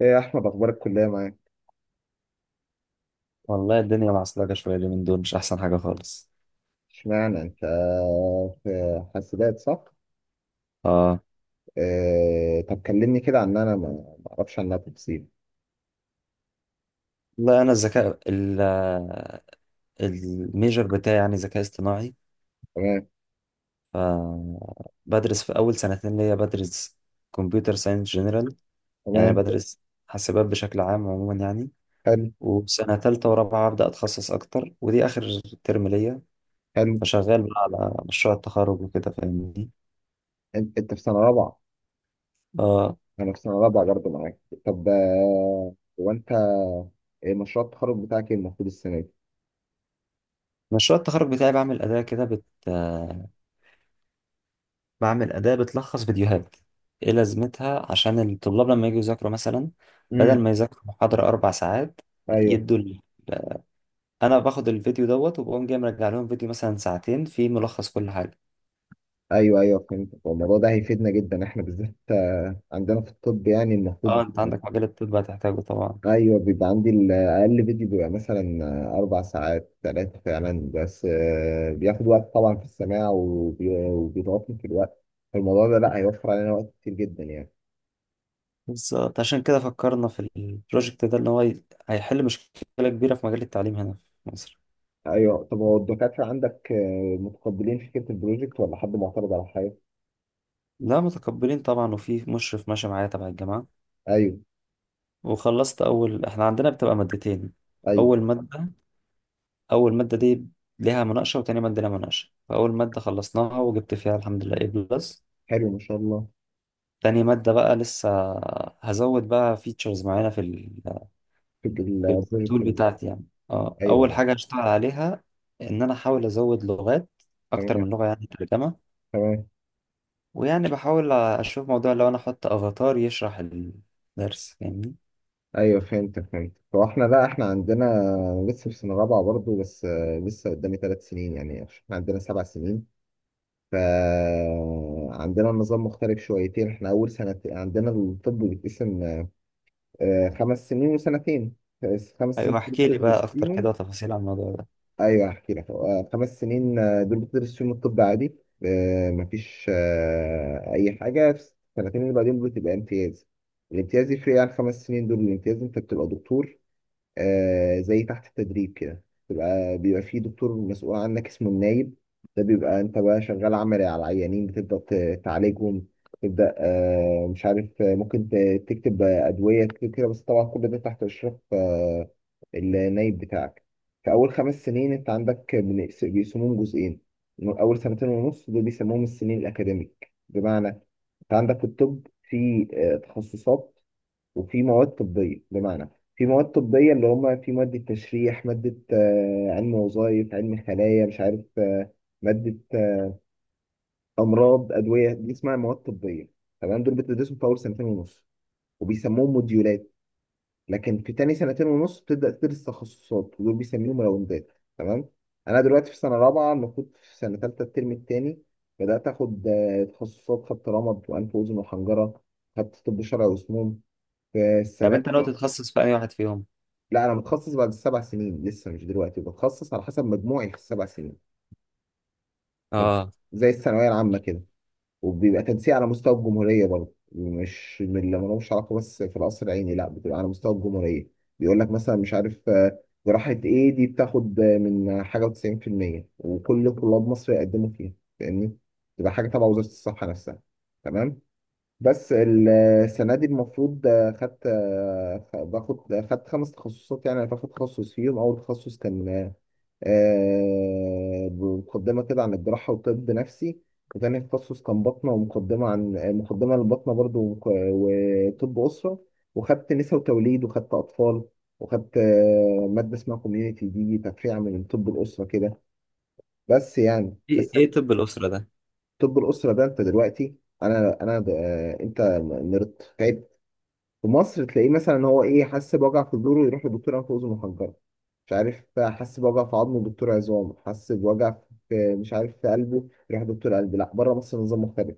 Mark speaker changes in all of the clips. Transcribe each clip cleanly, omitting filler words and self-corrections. Speaker 1: ايه يا احمد، اخبار الكليه معاك؟
Speaker 2: والله الدنيا معصلجة شوية اليومين دول مش أحسن حاجة خالص.
Speaker 1: اشمعنى انت؟ في حاسبات، صح؟
Speaker 2: اه.
Speaker 1: إيه، طب كلمني كده عن انا ما اعرفش عنها تفاصيل.
Speaker 2: والله أنا الميجر بتاعي يعني ذكاء اصطناعي.
Speaker 1: تمام،
Speaker 2: ف بدرس في أول سنتين ليا بدرس كمبيوتر ساينس جنرال، يعني
Speaker 1: تمام.
Speaker 2: بدرس حاسبات بشكل عام عموما يعني.
Speaker 1: حلو،
Speaker 2: وسنة تالتة ورابعة أبدأ أتخصص أكتر ودي آخر ترم ليا،
Speaker 1: حلو.
Speaker 2: فشغال بقى على مشروع التخرج وكده فاهمني.
Speaker 1: انت في سنه رابعه؟
Speaker 2: اه.
Speaker 1: انا في سنه رابعه برضه معاك. طب، هو انت، إيه مشروع التخرج بتاعك، ايه المفروض السنه دي؟
Speaker 2: مشروع التخرج بتاعي بعمل أداة بتلخص فيديوهات. إيه لازمتها؟ عشان الطلاب لما يجوا يذاكروا مثلا، بدل
Speaker 1: امم.
Speaker 2: ما يذاكروا محاضرة 4 ساعات،
Speaker 1: ايوه.
Speaker 2: يدوا لي أنا باخد الفيديو دوت وبقوم جاي مرجع لهم فيديو مثلا ساعتين فيه ملخص كل حاجة.
Speaker 1: ايوه، ايوه، فهمت. هو الموضوع ده هيفيدنا جدا احنا بالذات، عندنا في الطب يعني
Speaker 2: اه،
Speaker 1: المفروض.
Speaker 2: انت عندك مجال الطب هتحتاجه طبعا.
Speaker 1: ايوه، بيبقى عندي الاقل فيديو بيبقى مثلا اربع ساعات ثلاثه فعلا، بس بياخد وقت طبعا في السماع، وبيضغطني في الوقت. فالموضوع ده لا هيوفر علينا وقت كتير جدا يعني.
Speaker 2: بالظبط، عشان كده فكرنا في البروجكت ده ان هو هيحل مشكلة كبيرة في مجال التعليم هنا في مصر.
Speaker 1: ايوه، طب هو الدكاتره عندك متقبلين فكره البروجكت ولا حد معترض على حاجه؟
Speaker 2: لا متقبلين طبعا، وفي مشرف ماشي معايا تبع الجامعة.
Speaker 1: ايوه،
Speaker 2: وخلصت أول، احنا عندنا بتبقى مادتين.
Speaker 1: ايوه.
Speaker 2: أول مادة اول ماده دي ليها مناقشه وتاني ماده ليها مناقشه، فاول ماده خلصناها وجبت فيها الحمد لله A+.
Speaker 1: حلو، ما شاء الله.
Speaker 2: تاني ماده بقى لسه هزود بقى فيتشرز معينه
Speaker 1: في
Speaker 2: في
Speaker 1: البروجكت
Speaker 2: التول
Speaker 1: نفسه.
Speaker 2: بتاعتي يعني. اه،
Speaker 1: ايوه،
Speaker 2: اول
Speaker 1: ايوه.
Speaker 2: حاجه هشتغل عليها ان انا احاول ازود لغات اكتر من
Speaker 1: تمام،
Speaker 2: لغه يعني ترجمه.
Speaker 1: تمام.
Speaker 2: ويعني بحاول اشوف موضوع لو انا احط افاتار يشرح الدرس فاهمني.
Speaker 1: ايوه، فهمت، فهمت. هو احنا، لا احنا عندنا لسه في سنه رابعه برضه، بس لسه قدامي ثلاث سنين يعني. احنا عندنا سبع سنين. فعندنا النظام مختلف شويتين. احنا اول سنة عندنا الطب بيتقسم، خمس سنين وسنتين. خمس
Speaker 2: ايوه،
Speaker 1: سنين دول
Speaker 2: احكي لي
Speaker 1: بتدرس
Speaker 2: بقى اكتر
Speaker 1: فيهم.
Speaker 2: كده تفاصيل عن الموضوع ده.
Speaker 1: ايوه هحكي لك، خمس سنين دول بتدرس فيهم الطب عادي. مفيش اي حاجة في السنتين اللي بعدين بتبقى امتياز. الامتياز يفرق عن خمس سنين دول، الامتياز انت بتبقى دكتور. آه، زي تحت التدريب كده. بيبقى في دكتور مسؤول عنك اسمه النايب. ده بيبقى انت بقى شغال عملي على العيانين، بتبدأ تعالجهم. تبدأ آه مش عارف، ممكن تكتب أدوية كده كده، بس طبعا كل ده تحت إشراف النايب بتاعك. في أول خمس سنين أنت عندك بيقسموهم جزئين. أول سنتين ونص دول بيسموهم السنين الأكاديميك. بمعنى أنت عندك في الطب في تخصصات وفي مواد طبية. بمعنى في مواد طبية اللي هم في مادة تشريح، مادة علم وظائف، علم خلايا، مش عارف مادة أمراض، أدوية. دي اسمها مواد طبية تمام. دول بتدرسهم في أول سنتين ونص وبيسموهم موديولات. لكن في تاني سنتين ونص بتبدأ تدرس تخصصات ودول بيسميهم راوندات. تمام. أنا دلوقتي في سنة رابعة، المفروض في سنة تالتة الترم التاني بدأت آخد تخصصات. خدت رمد وأنف وأذن وحنجرة، خدت طب شرعي وسموم في
Speaker 2: طب
Speaker 1: السنة.
Speaker 2: انت ناوي تتخصص في اي واحد فيهم؟
Speaker 1: لا، انا متخصص بعد السبع سنين، لسه مش دلوقتي بتخصص على حسب مجموعي في السبع سنين. مج-
Speaker 2: اه.
Speaker 1: زي الثانويه العامه كده. وبيبقى تنسيق على مستوى الجمهوريه برضه، مش من اللي ملوش علاقه، بس في القصر العيني لا بتبقى على مستوى الجمهوريه. بيقول لك مثلا مش عارف، جراحه ايه دي بتاخد من حاجه و90% وكل طلاب مصر يقدموا فيها. فاهمني. تبقى حاجه تبع وزاره الصحه نفسها. تمام. بس ال- السنة دي المفروض خدت باخد خدت خمس تخصصات. يعني أنا باخد تخصص فيهم. أول تخصص كان مقدمة كده عن الجراحة وطب نفسي. وتاني تخصص كان باطنة ومقدمة عن مقدمة للباطنة برضو، وطب أسرة. وخدت نساء وتوليد، وخدت أطفال، وخدت مادة اسمها كوميونيتي. دي تفريع من طب الأسرة كده. بس يعني
Speaker 2: ايه
Speaker 1: بس.
Speaker 2: إيه طب الاسره ده؟
Speaker 1: طب الأسرة ده، أنت دلوقتي، أنا أنا أنت نرد في مصر، تلاقيه مثلا، هو ايه، حس بوجع في صدره يروح لدكتور انف واذن وحنجره، مش عارف، حس بوجع في عظمه دكتور عظام، حس بوجع في مش عارف في قلبه يروح دكتور قلب. لا بره مصر نظام مختلف.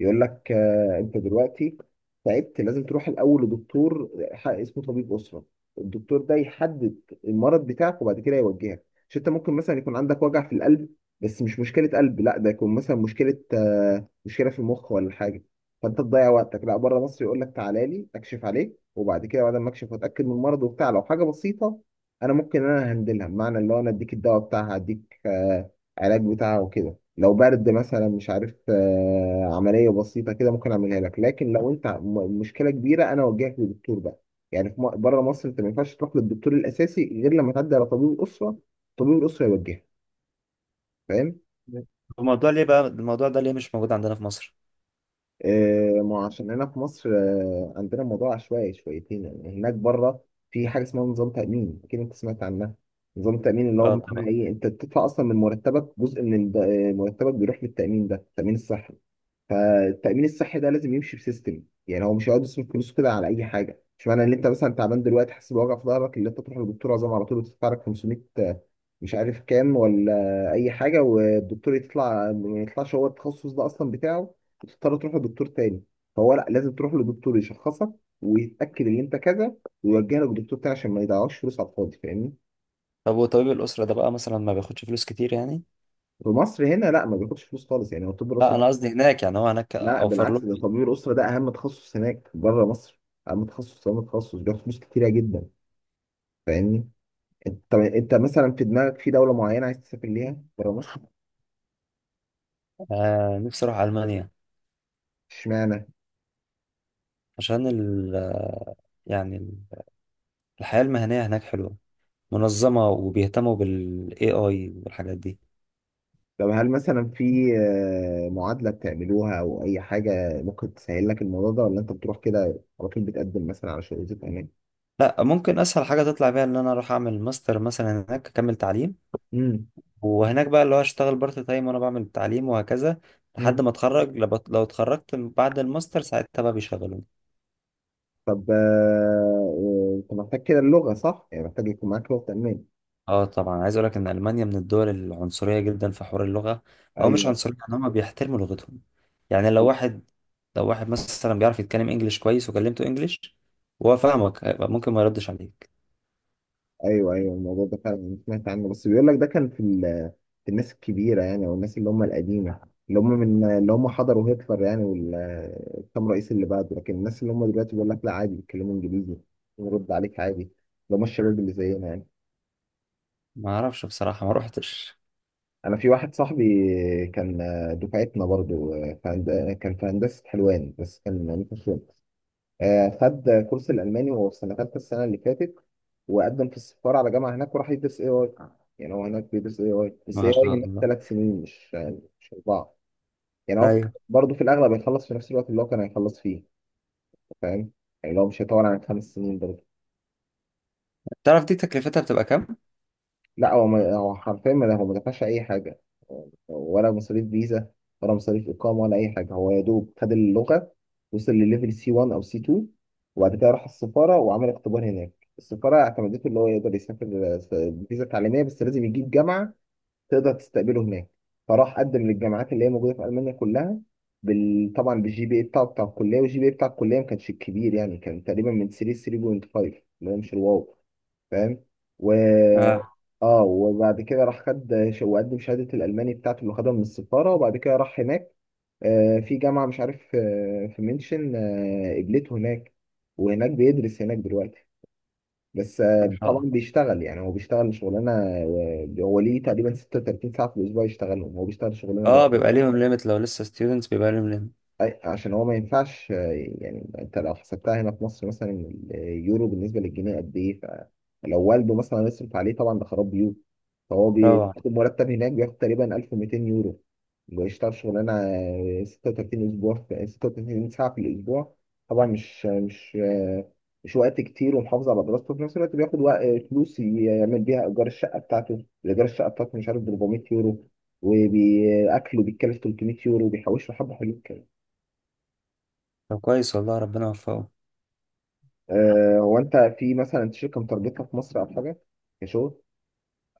Speaker 1: يقول لك آه انت دلوقتي تعبت لازم تروح الاول لدكتور اسمه طبيب اسره. الدكتور ده يحدد المرض بتاعك وبعد كده يوجهك. مش انت ممكن مثلا يكون عندك وجع في القلب بس مش مشكله قلب، لا ده يكون مثلا مشكله آه مشكله في المخ ولا حاجه، فانت تضيع وقتك. لا، بره مصر يقول لك تعالى لي اكشف عليك، وبعد كده بعد ما اكشف واتاكد من المرض وبتاع، لو حاجه بسيطه انا ممكن انا هندلها، بمعنى اللي هو انا اديك الدواء بتاعها، اديك علاج بتاعها وكده. لو برد مثلا مش عارف، عمليه بسيطه كده ممكن اعملها لك. لكن لو انت مشكله كبيره انا اوجهك للدكتور بقى. يعني في بره مصر انت ما ينفعش تروح للدكتور الاساسي غير لما تعدي على طبيب الاسره. طبيب الاسره يوجهك. فاهم؟
Speaker 2: الموضوع ده ليه مش موجود عندنا في مصر؟
Speaker 1: ما عشان هنا في مصر عندنا الموضوع عشوائي شويتين. يعني هناك بره في حاجه اسمها نظام تامين، اكيد انت سمعت عنها. نظام التامين، اللي هو
Speaker 2: اه طبعا.
Speaker 1: بمعنى ايه، انت بتدفع اصلا من مرتبك جزء من مرتبك بيروح للتامين ده، تامين الصحه. فالتأمين الصحي ده لازم يمشي بسيستم. يعني هو مش هيقعد يصرف فلوسه كده على أي حاجة. مش معنى إن أنت مثلا تعبان دلوقتي حاسس بوجع في ظهرك اللي أنت تروح للدكتور عظام على طول وتدفع لك 500 مش عارف كام ولا أي حاجة، والدكتور يطلع ما يطلعش هو التخصص ده أصلا بتاعه، وتضطر تروح لدكتور تاني. فهو لا، لازم تروح لدكتور يشخصك ويتأكد إن أنت كذا ويوجه لك دكتور تاني عشان ما يضيعوش فلوس على الفاضي. فاهمني؟
Speaker 2: طب وطبيب الأسرة ده بقى مثلا ما بياخدش فلوس كتير يعني؟
Speaker 1: في مصر هنا لا ما بياخدش فلوس خالص يعني، هو الطب
Speaker 2: لا،
Speaker 1: الأسري.
Speaker 2: أنا قصدي هناك، يعني هو هناك
Speaker 1: لا
Speaker 2: أوفر
Speaker 1: بالعكس،
Speaker 2: له.
Speaker 1: ده طبيب الاسره ده اهم تخصص هناك بره مصر. اهم تخصص، اهم تخصص، بياخد فلوس كتيره جدا. فاهمني. انت، طب انت مثلا في دماغك في دوله معينه عايز تسافر ليها بره مصر؟
Speaker 2: آه، نفسي أروح ألمانيا.
Speaker 1: اشمعنى؟
Speaker 2: عشان ال آه، يعني ال- الحياة المهنية هناك حلوة منظمة وبيهتموا بال AI والحاجات دي.
Speaker 1: طب هل مثلا في معادله بتعملوها او اي حاجه ممكن تسهل لك الموضوع ده، ولا انت بتروح كده على طول بتقدم مثلا على شهادة امان؟
Speaker 2: لا، ممكن أسهل حاجة تطلع بيها إن أنا أروح أعمل ماستر مثلا هناك أكمل تعليم.
Speaker 1: امم.
Speaker 2: وهناك بقى اللي هو أشتغل بارت تايم وأنا بعمل التعليم وهكذا، لحد
Speaker 1: امم.
Speaker 2: ما أتخرج. لو اتخرجت بعد الماستر ساعتها بقى بيشغلوني.
Speaker 1: طب، انت محتاج كده اللغه، صح؟ يعني محتاج يكون معاك لغه امان.
Speaker 2: اه طبعا، عايز اقول لك ان المانيا من الدول العنصريه جدا في حوار اللغه، او مش
Speaker 1: ايوه.
Speaker 2: عنصريه، ان هم بيحترموا لغتهم. يعني لو واحد، مثلا بيعرف يتكلم انجليش كويس وكلمته انجليش وهو فاهمك هيبقى ممكن ما يردش عليك.
Speaker 1: ايوه، ايوه، الموضوع ده فعلا أنا سمعت عنه، بس بيقول لك ده كان في في الناس الكبيره يعني، او الناس اللي هم القديمه، اللي هم من اللي هم حضروا هتلر يعني والكام رئيس اللي بعده. لكن الناس اللي هم دلوقتي بيقول لك لا عادي بيتكلموا انجليزي ونرد عليك عادي، اللي هم الشباب اللي زينا يعني.
Speaker 2: ما اعرفش بصراحه، ما روحتش.
Speaker 1: انا في واحد صاحبي كان دفعتنا برضه، في كان في هندسه حلوان بس كان ميكانيكا شغل. خد كورس الألماني وهو في سنة تالتة السنة اللي فاتت، وقدم في السفارة على جامعة هناك وراح يدرس اي اي. يعني هو هناك بيدرس اي اي، بس اي
Speaker 2: ما
Speaker 1: اي
Speaker 2: شاء
Speaker 1: هناك
Speaker 2: الله.
Speaker 1: ثلاث سنين مش أربعة. يعني هو
Speaker 2: ايوه،
Speaker 1: برضه في الأغلب هيخلص في نفس الوقت اللي هو كان هيخلص فيه. فاهم. يعني لو مش هيطول عن خمس سنين برضه.
Speaker 2: تعرف دي تكلفتها بتبقى كام؟
Speaker 1: لا هو حرفيا ما هو ما دفعش اي حاجه، ولا مصاريف فيزا، ولا مصاريف اقامه، ولا اي حاجه. هو يا دوب خد اللغه، وصل لليفل سي 1 او سي 2، وبعد كده راح السفاره وعمل اختبار هناك. السفاره اعتمدته اللي هو يقدر يسافر فيزا تعليميه، بس لازم يجيب جامعه تقدر تستقبله هناك. فراح قدم للجامعات اللي هي موجوده في المانيا كلها طبعا بالجي بي اي بتاعه بتاع الكليه. والجي بي اي بتاع الكليه ما كانش كبير يعني، كان تقريبا من 3 3.5 اللي هو مش الواو. فاهم. و،
Speaker 2: اه،
Speaker 1: اه، وبعد كده راح خد وقدم شهادة الألماني بتاعته اللي خدها من السفارة، وبعد كده راح هناك في جامعة مش عارف في منشن قبلته هناك، وهناك بيدرس هناك دلوقتي. بس
Speaker 2: ما شاء
Speaker 1: طبعا
Speaker 2: الله.
Speaker 1: بيشتغل يعني، هو بيشتغل شغلانة هو ليه تقريبا 36 ساعة في الأسبوع يشتغلهم. هو بيشتغل شغلانة
Speaker 2: اه،
Speaker 1: جامدة.
Speaker 2: بيبقى ليهم ليميت لو لسه ستودنتس بيبقى ليهم ليميت.
Speaker 1: أي عشان هو ما ينفعش يعني انت لو حسبتها هنا في مصر مثلا، اليورو بالنسبه للجنيه قد ايه. فلو والده مثلا يصرف عليه طبعا ده خراب بيوت. فهو
Speaker 2: طبعا.
Speaker 1: بياخد مرتب هناك، بياخد تقريبا 1200 يورو. بيشتغل شغلانه 36 اسبوع في 36 ساعه في الاسبوع. طبعا مش وقت كتير، ومحافظ على دراسته في نفس الوقت. بياخد وقت، فلوس يعمل بيها ايجار الشقه بتاعته. الايجار الشقه بتاعته مش عارف ب 400 يورو، وبأكله بيتكلف 300 يورو، بيحوش له حبة حلوين.
Speaker 2: طب كويس والله، ربنا يوفقه.
Speaker 1: هو انت في مثلا شركه مترجتها في مصر او حاجه كشغل؟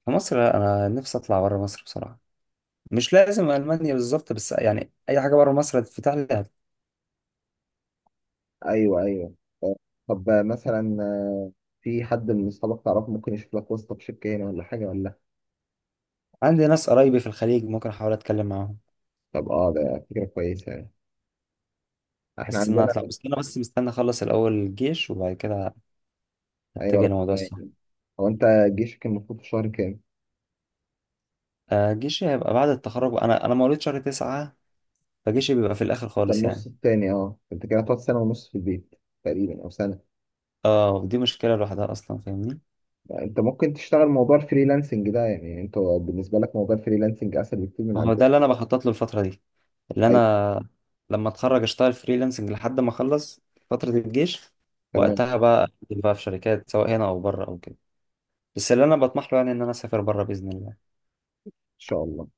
Speaker 2: في مصر لا، انا نفسي اطلع بره مصر بصراحه. مش لازم المانيا بالظبط، بس يعني اي حاجه بره مصر هتتفتح لي.
Speaker 1: ايوه، ايوه. آه، طب، مثلا، في حد من اصحابك تعرفه ممكن يشوف لك واسطه في شركه هنا ولا حاجه ولا لأ؟
Speaker 2: عندي ناس قرايبي في الخليج، ممكن احاول اتكلم معاهم.
Speaker 1: طب اه ده فكره كويسه يعني. احنا
Speaker 2: بس ان انا
Speaker 1: عندنا.
Speaker 2: اطلع، بس انا بس مستني اخلص الاول الجيش وبعد كده
Speaker 1: ايوه،
Speaker 2: اتجه
Speaker 1: ربنا
Speaker 2: لموضوع السفر.
Speaker 1: يعني. هو انت جيشك المفروض في شهر كام؟
Speaker 2: آه، جيشي هيبقى بعد التخرج، انا مواليد شهر 9، فجيشي بيبقى في الاخر
Speaker 1: ده
Speaker 2: خالص
Speaker 1: النص
Speaker 2: يعني.
Speaker 1: التاني. اه انت كده هتقعد سنه ونص في البيت تقريبا او سنه.
Speaker 2: اه، ودي مشكله لوحدها اصلا فاهمني.
Speaker 1: يعني انت ممكن تشتغل موضوع الفريلانسنج ده. يعني انت بالنسبه لك موضوع الفريلانسنج اسهل بكتير من
Speaker 2: ما هو
Speaker 1: عندك.
Speaker 2: ده اللي انا بخطط له الفتره دي، اللي
Speaker 1: ايوه،
Speaker 2: انا لما اتخرج اشتغل فريلانسنج لحد ما اخلص فتره الجيش.
Speaker 1: تمام، ان
Speaker 2: وقتها بقى أقدم بقى في شركات سواء هنا او بره او كده. بس اللي انا بطمح له يعني ان انا اسافر بره باذن الله.
Speaker 1: شاء الله.